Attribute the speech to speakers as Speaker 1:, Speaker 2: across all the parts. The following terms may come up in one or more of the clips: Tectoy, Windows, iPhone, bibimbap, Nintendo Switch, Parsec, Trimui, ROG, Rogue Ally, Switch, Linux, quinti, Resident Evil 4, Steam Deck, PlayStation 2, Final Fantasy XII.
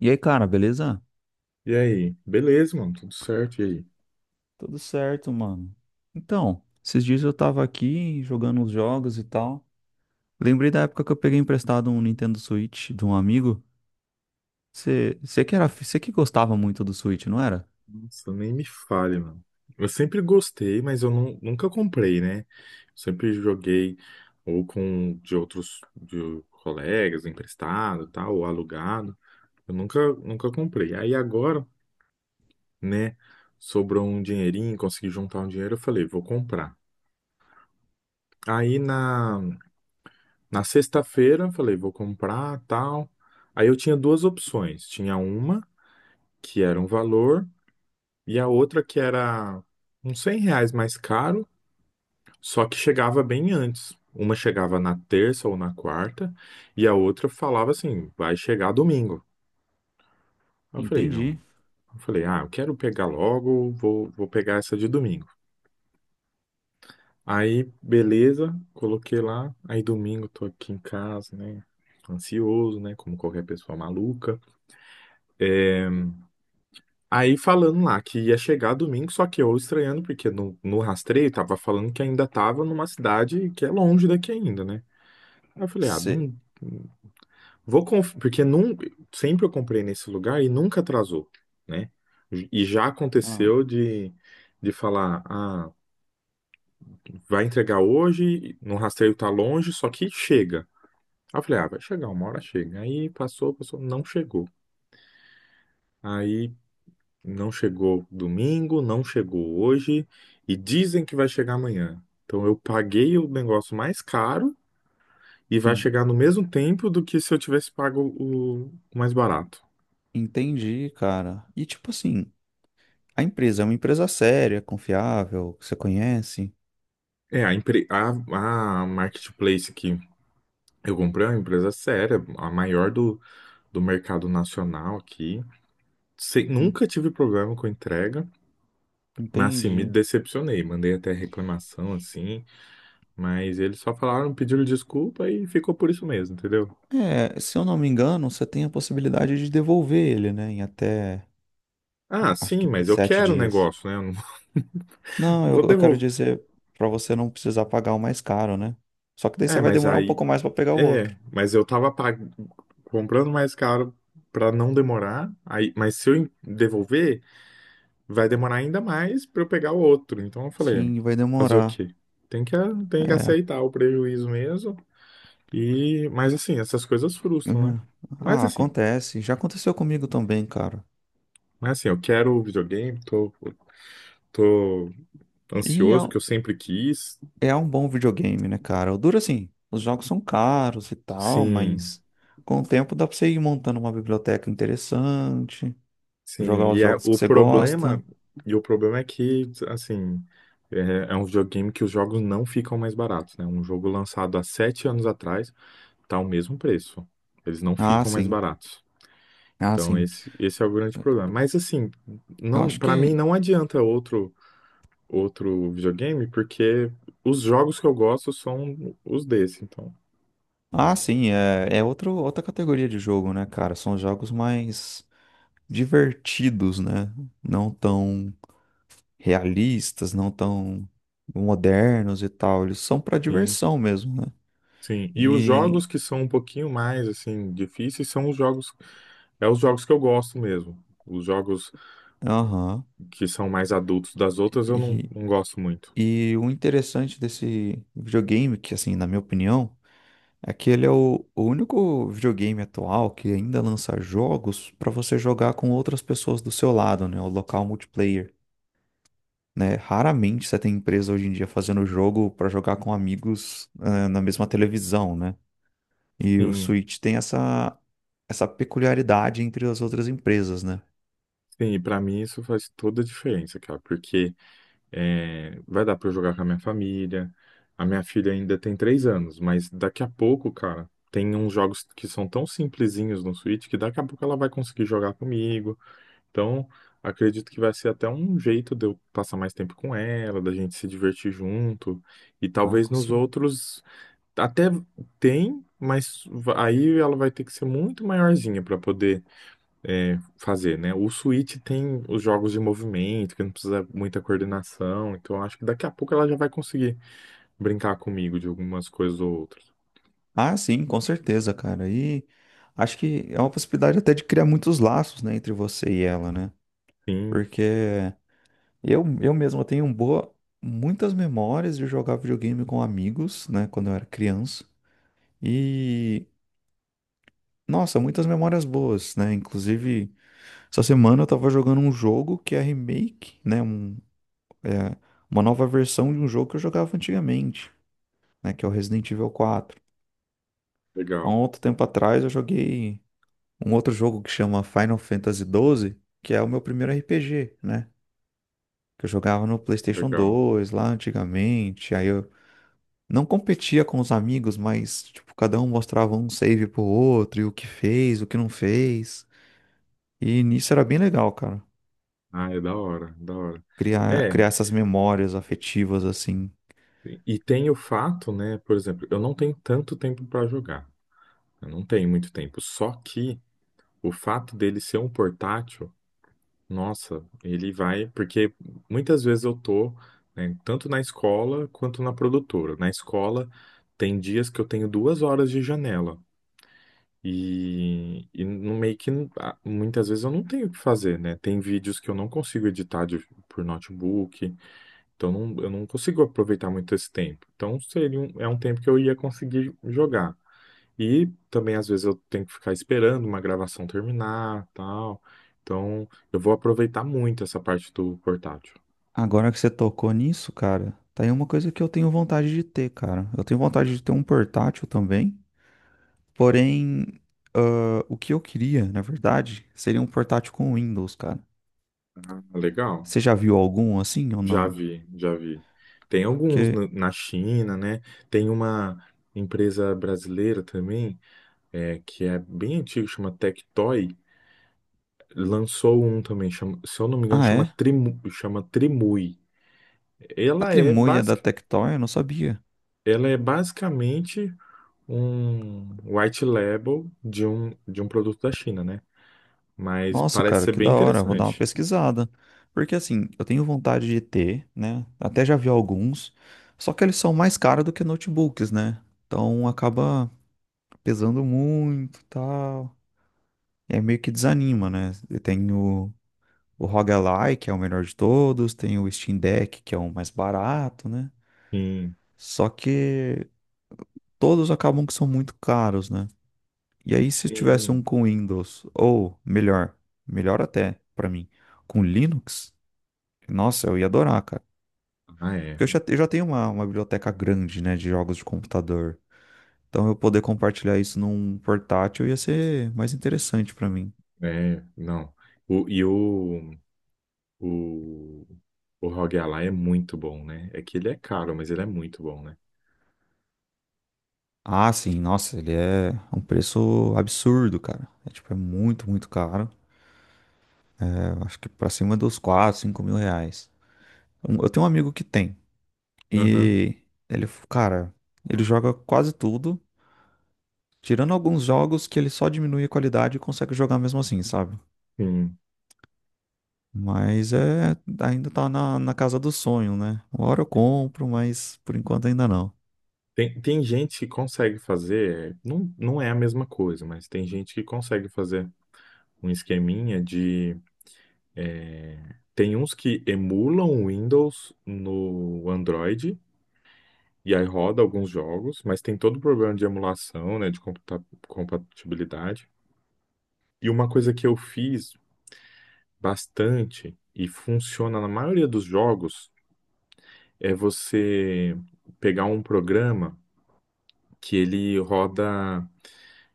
Speaker 1: E aí, cara, beleza?
Speaker 2: E aí? Beleza, mano, tudo certo. E aí?
Speaker 1: Tudo certo, mano. Então, esses dias eu tava aqui jogando uns jogos e tal. Lembrei da época que eu peguei emprestado um Nintendo Switch de um amigo. Você você que gostava muito do Switch, não era?
Speaker 2: Nossa, nem me fale, mano. Eu sempre gostei, mas eu nunca comprei, né? Sempre joguei ou com de outros de colegas, emprestado, tal, ou alugado. Eu nunca, nunca comprei. Aí agora, né, sobrou um dinheirinho, consegui juntar um dinheiro, eu falei, vou comprar. Aí na sexta-feira, eu falei, vou comprar, tal. Aí eu tinha duas opções. Tinha uma que era um valor. E a outra que era uns 100 reais mais caro, só que chegava bem antes. Uma chegava na terça ou na quarta, e a outra falava assim, vai chegar domingo. Eu falei, não.
Speaker 1: Entendi.
Speaker 2: Eu falei, ah, eu quero pegar logo, vou pegar essa de domingo. Aí, beleza, coloquei lá. Aí domingo tô aqui em casa, né? Ansioso, né? Como qualquer pessoa maluca. Aí falando lá que ia chegar domingo, só que eu estranhando, porque no rastreio tava falando que ainda tava numa cidade que é longe daqui ainda, né? Aí eu falei, ah,
Speaker 1: Você.
Speaker 2: não porque sempre eu comprei nesse lugar e nunca atrasou, né? E já aconteceu de falar, ah, vai entregar hoje, no rastreio tá longe, só que chega. Aí eu falei, ah, vai chegar, uma hora chega. Aí passou, passou, não chegou. Aí, não chegou domingo, não chegou hoje e dizem que vai chegar amanhã. Então eu paguei o negócio mais caro e vai chegar no mesmo tempo do que se eu tivesse pago o mais barato.
Speaker 1: Entendi, cara. E tipo assim, a empresa é uma empresa séria, confiável, que você conhece.
Speaker 2: É, a marketplace que eu comprei é uma empresa séria, a maior do mercado nacional aqui.
Speaker 1: En-
Speaker 2: Nunca tive problema com entrega, mas assim, me
Speaker 1: Entendi.
Speaker 2: decepcionei. Mandei até reclamação, assim, mas eles só falaram, pediram desculpa e ficou por isso mesmo, entendeu?
Speaker 1: É, se eu não me engano, você tem a possibilidade de devolver ele, né, em até,
Speaker 2: Ah,
Speaker 1: acho
Speaker 2: sim,
Speaker 1: que
Speaker 2: mas eu
Speaker 1: sete
Speaker 2: quero o
Speaker 1: dias.
Speaker 2: negócio, né? Eu não
Speaker 1: Não,
Speaker 2: não
Speaker 1: eu,
Speaker 2: vou
Speaker 1: eu quero
Speaker 2: devolver.
Speaker 1: dizer pra você não precisar pagar o mais caro, né? Só que daí
Speaker 2: É,
Speaker 1: você vai
Speaker 2: mas
Speaker 1: demorar um
Speaker 2: aí.
Speaker 1: pouco mais pra pegar o
Speaker 2: É,
Speaker 1: outro.
Speaker 2: mas eu tava comprando mais caro pra não demorar. Aí, mas se eu devolver, vai demorar ainda mais pra eu pegar o outro. Então eu falei,
Speaker 1: Sim, vai
Speaker 2: fazer o
Speaker 1: demorar.
Speaker 2: quê? Tem que
Speaker 1: É.
Speaker 2: aceitar o prejuízo mesmo. E, mas assim, essas coisas frustram, né?
Speaker 1: Uhum.
Speaker 2: Mas
Speaker 1: Ah,
Speaker 2: assim,
Speaker 1: acontece. Já aconteceu comigo também, cara.
Speaker 2: mas assim, eu quero o videogame, tô
Speaker 1: E é,
Speaker 2: ansioso porque eu sempre quis.
Speaker 1: é um bom videogame, né, cara? O duro assim, os jogos são caros e tal,
Speaker 2: Sim.
Speaker 1: mas com o tempo dá pra você ir montando uma biblioteca interessante,
Speaker 2: Sim,
Speaker 1: jogar os jogos que você gosta.
Speaker 2: e o problema é que, assim, é, é um videogame que os jogos não ficam mais baratos, né? Um jogo lançado há 7 anos atrás tá o mesmo preço. Eles não
Speaker 1: Ah,
Speaker 2: ficam mais
Speaker 1: sim.
Speaker 2: baratos.
Speaker 1: Ah,
Speaker 2: Então
Speaker 1: sim.
Speaker 2: esse é o grande problema. Mas assim,
Speaker 1: Eu
Speaker 2: não,
Speaker 1: acho
Speaker 2: para mim
Speaker 1: que
Speaker 2: não adianta outro videogame, porque os jogos que eu gosto são os desse, então.
Speaker 1: ah, sim, é, é outro, outra categoria de jogo, né, cara? São jogos mais divertidos, né? Não tão realistas, não tão modernos e tal. Eles são pra diversão mesmo, né?
Speaker 2: Sim, e os
Speaker 1: E,
Speaker 2: jogos que são um pouquinho mais assim difíceis são os jogos que eu gosto mesmo. Os jogos
Speaker 1: aham,
Speaker 2: que são mais adultos das outras eu não,
Speaker 1: e,
Speaker 2: não gosto muito.
Speaker 1: o interessante desse videogame, que assim, na minha opinião, é que ele é o único videogame atual que ainda lança jogos pra você jogar com outras pessoas do seu lado, né? O local multiplayer. Né? Raramente você tem empresa hoje em dia fazendo jogo para jogar com amigos, ah, na mesma televisão, né? E o
Speaker 2: Sim,
Speaker 1: Switch tem essa, essa peculiaridade entre as outras empresas, né?
Speaker 2: sim, e para mim isso faz toda a diferença, cara, porque é, vai dar para eu jogar com a minha família. A minha filha ainda tem 3 anos, mas daqui a pouco, cara, tem uns jogos que são tão simplesinhos no Switch que daqui a pouco ela vai conseguir jogar comigo. Então, acredito que vai ser até um jeito de eu passar mais tempo com ela, da gente se divertir junto. E
Speaker 1: Ah,
Speaker 2: talvez
Speaker 1: com
Speaker 2: nos
Speaker 1: cer-
Speaker 2: outros até tem, mas aí ela vai ter que ser muito maiorzinha para poder é, fazer, né? O Switch tem os jogos de movimento, que não precisa muita coordenação. Então, eu acho que daqui a pouco ela já vai conseguir brincar comigo de algumas coisas ou outras.
Speaker 1: ah, sim, com certeza, cara. E acho que é uma possibilidade até de criar muitos laços, né, entre você e ela, né?
Speaker 2: Sim,
Speaker 1: Porque eu mesmo tenho um boa, muitas memórias de jogar videogame com amigos, né, quando eu era criança. E, nossa, muitas memórias boas, né? Inclusive, essa semana eu tava jogando um jogo que é remake, né? É, uma nova versão de um jogo que eu jogava antigamente, né? Que é o Resident Evil 4. Há um
Speaker 2: legal,
Speaker 1: outro tempo atrás eu joguei um outro jogo que chama Final Fantasy XII, que é o meu primeiro RPG, né? Que eu jogava no PlayStation
Speaker 2: legal.
Speaker 1: 2 lá antigamente. Aí eu não competia com os amigos, mas tipo, cada um mostrava um save pro outro e o que fez, o que não fez. E nisso era bem legal, cara.
Speaker 2: Ah, é da hora, da hora.
Speaker 1: Criar,
Speaker 2: É.
Speaker 1: criar essas memórias afetivas assim.
Speaker 2: E tem o fato, né? Por exemplo, eu não tenho tanto tempo para jogar. Eu não tenho muito tempo. Só que o fato dele ser um portátil, nossa, ele vai. Porque muitas vezes eu tô, né, tanto na escola quanto na produtora. Na escola, tem dias que eu tenho 2 horas de janela. E no meio que ah, muitas vezes eu não tenho o que fazer, né? Tem vídeos que eu não consigo editar por notebook. Então não, eu não consigo aproveitar muito esse tempo. Então seria um, é um tempo que eu ia conseguir jogar. E também às vezes eu tenho que ficar esperando uma gravação terminar, tal. Então eu vou aproveitar muito essa parte do portátil.
Speaker 1: Agora que você tocou nisso, cara, tá aí uma coisa que eu tenho vontade de ter, cara. Eu tenho vontade de ter um portátil também, porém, ah, o que eu queria, na verdade, seria um portátil com Windows, cara.
Speaker 2: Ah, legal.
Speaker 1: Você já viu algum assim ou
Speaker 2: Já
Speaker 1: não?
Speaker 2: vi, já vi. Tem alguns
Speaker 1: Porque,
Speaker 2: na China, né? Tem uma empresa brasileira também, é, que é bem antiga, chama Tectoy. Lançou um também, chama- se eu não me engano,
Speaker 1: ah,
Speaker 2: chama
Speaker 1: é?
Speaker 2: Trimu, chama Trimui.
Speaker 1: A
Speaker 2: Ela é
Speaker 1: trimulha da
Speaker 2: basic,
Speaker 1: Tectoy, eu não sabia.
Speaker 2: Ela é basicamente um white label de um produto da China, né? Mas
Speaker 1: Nossa,
Speaker 2: parece
Speaker 1: cara,
Speaker 2: ser
Speaker 1: que
Speaker 2: bem
Speaker 1: da hora, vou dar uma
Speaker 2: interessante.
Speaker 1: pesquisada. Porque assim, eu tenho vontade de ter, né? Até já vi alguns, só que eles são mais caros do que notebooks, né? Então acaba pesando muito, tal. É meio que desanima, né? Tem o ROG que é o melhor de todos, tem o Steam Deck, que é o mais barato, né?
Speaker 2: Sim,
Speaker 1: Só que todos acabam que são muito caros, né? E aí, se tivesse um
Speaker 2: sim.
Speaker 1: com Windows, ou melhor, melhor até pra mim, com Linux, nossa, eu ia adorar, cara.
Speaker 2: Ah, é.
Speaker 1: Porque eu já tenho uma biblioteca grande, né, de jogos de computador. Então, eu poder compartilhar isso num portátil ia ser mais interessante pra mim.
Speaker 2: É, não. O. E o, o Rogue Ally é muito bom, né? É que ele é caro, mas ele é muito bom, né?
Speaker 1: Ah, sim, nossa, ele é um preço absurdo, cara. É tipo, é muito, muito caro. Eu acho que pra cima dos 4, 5 mil reais. Eu tenho um amigo que tem.
Speaker 2: Aham.
Speaker 1: E ele, cara, ele joga quase tudo, tirando alguns jogos que ele só diminui a qualidade e consegue jogar mesmo assim, sabe?
Speaker 2: Sim.
Speaker 1: Mas é, ainda tá na, na casa do sonho, né? Uma hora eu compro, mas por enquanto ainda não.
Speaker 2: Tem gente que consegue fazer, não, não é a mesma coisa, mas tem gente que consegue fazer um esqueminha de... Tem uns que emulam o Windows no Android e aí roda alguns jogos, mas tem todo o problema de emulação, né, de compatibilidade. E uma coisa que eu fiz bastante e funciona na maioria dos jogos é você pegar um programa que ele roda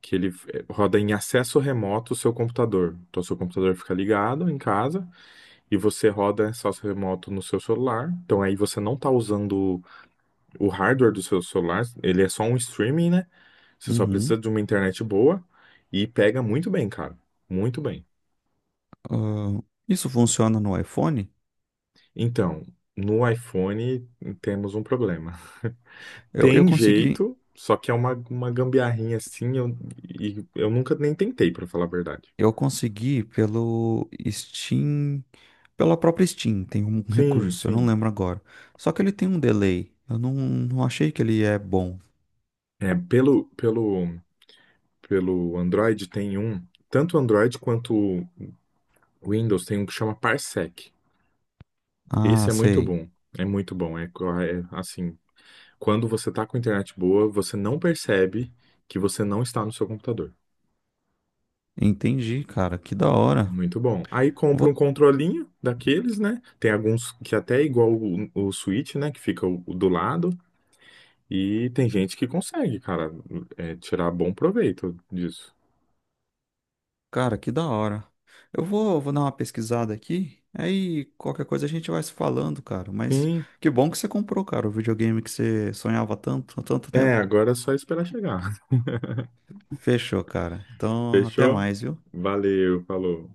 Speaker 2: que ele roda em acesso remoto o seu computador. Então, seu computador fica ligado em casa e você roda acesso remoto no seu celular. Então, aí você não está usando o hardware do seu celular, ele é só um streaming, né? Você só precisa
Speaker 1: Uhum.
Speaker 2: de uma internet boa e pega muito bem, cara. Muito bem.
Speaker 1: Ah, isso funciona no iPhone?
Speaker 2: Então, no iPhone temos um problema.
Speaker 1: Eu
Speaker 2: Tem
Speaker 1: consegui.
Speaker 2: jeito, só que é uma gambiarrinha assim, eu, e eu nunca nem tentei, pra falar a verdade.
Speaker 1: Eu consegui pelo Steam, pela própria Steam, tem um
Speaker 2: Sim,
Speaker 1: recurso, eu não
Speaker 2: sim.
Speaker 1: lembro agora. Só que ele tem um delay. Eu não, não achei que ele é bom.
Speaker 2: É, pelo Android tem um, tanto o Android quanto o Windows tem um que chama Parsec.
Speaker 1: Ah,
Speaker 2: Esse é muito
Speaker 1: sei.
Speaker 2: bom. É muito bom. É, assim, quando você tá com internet boa, você não percebe que você não está no seu computador.
Speaker 1: Entendi, cara. Que da
Speaker 2: É
Speaker 1: hora.
Speaker 2: muito bom. Aí compra um
Speaker 1: Vou,
Speaker 2: controlinho daqueles, né? Tem alguns que até é igual o Switch, né? Que fica o do lado. E tem gente que consegue, cara, é, tirar bom proveito disso.
Speaker 1: cara, que da hora. Vou dar uma pesquisada aqui. Aí qualquer coisa a gente vai se falando, cara. Mas
Speaker 2: Sim,
Speaker 1: que bom que você comprou, cara, o videogame que você sonhava tanto há tanto
Speaker 2: é,
Speaker 1: tempo.
Speaker 2: agora é só esperar chegar.
Speaker 1: Fechou, cara. Então, até
Speaker 2: Fechou?
Speaker 1: mais, viu?
Speaker 2: Valeu, falou.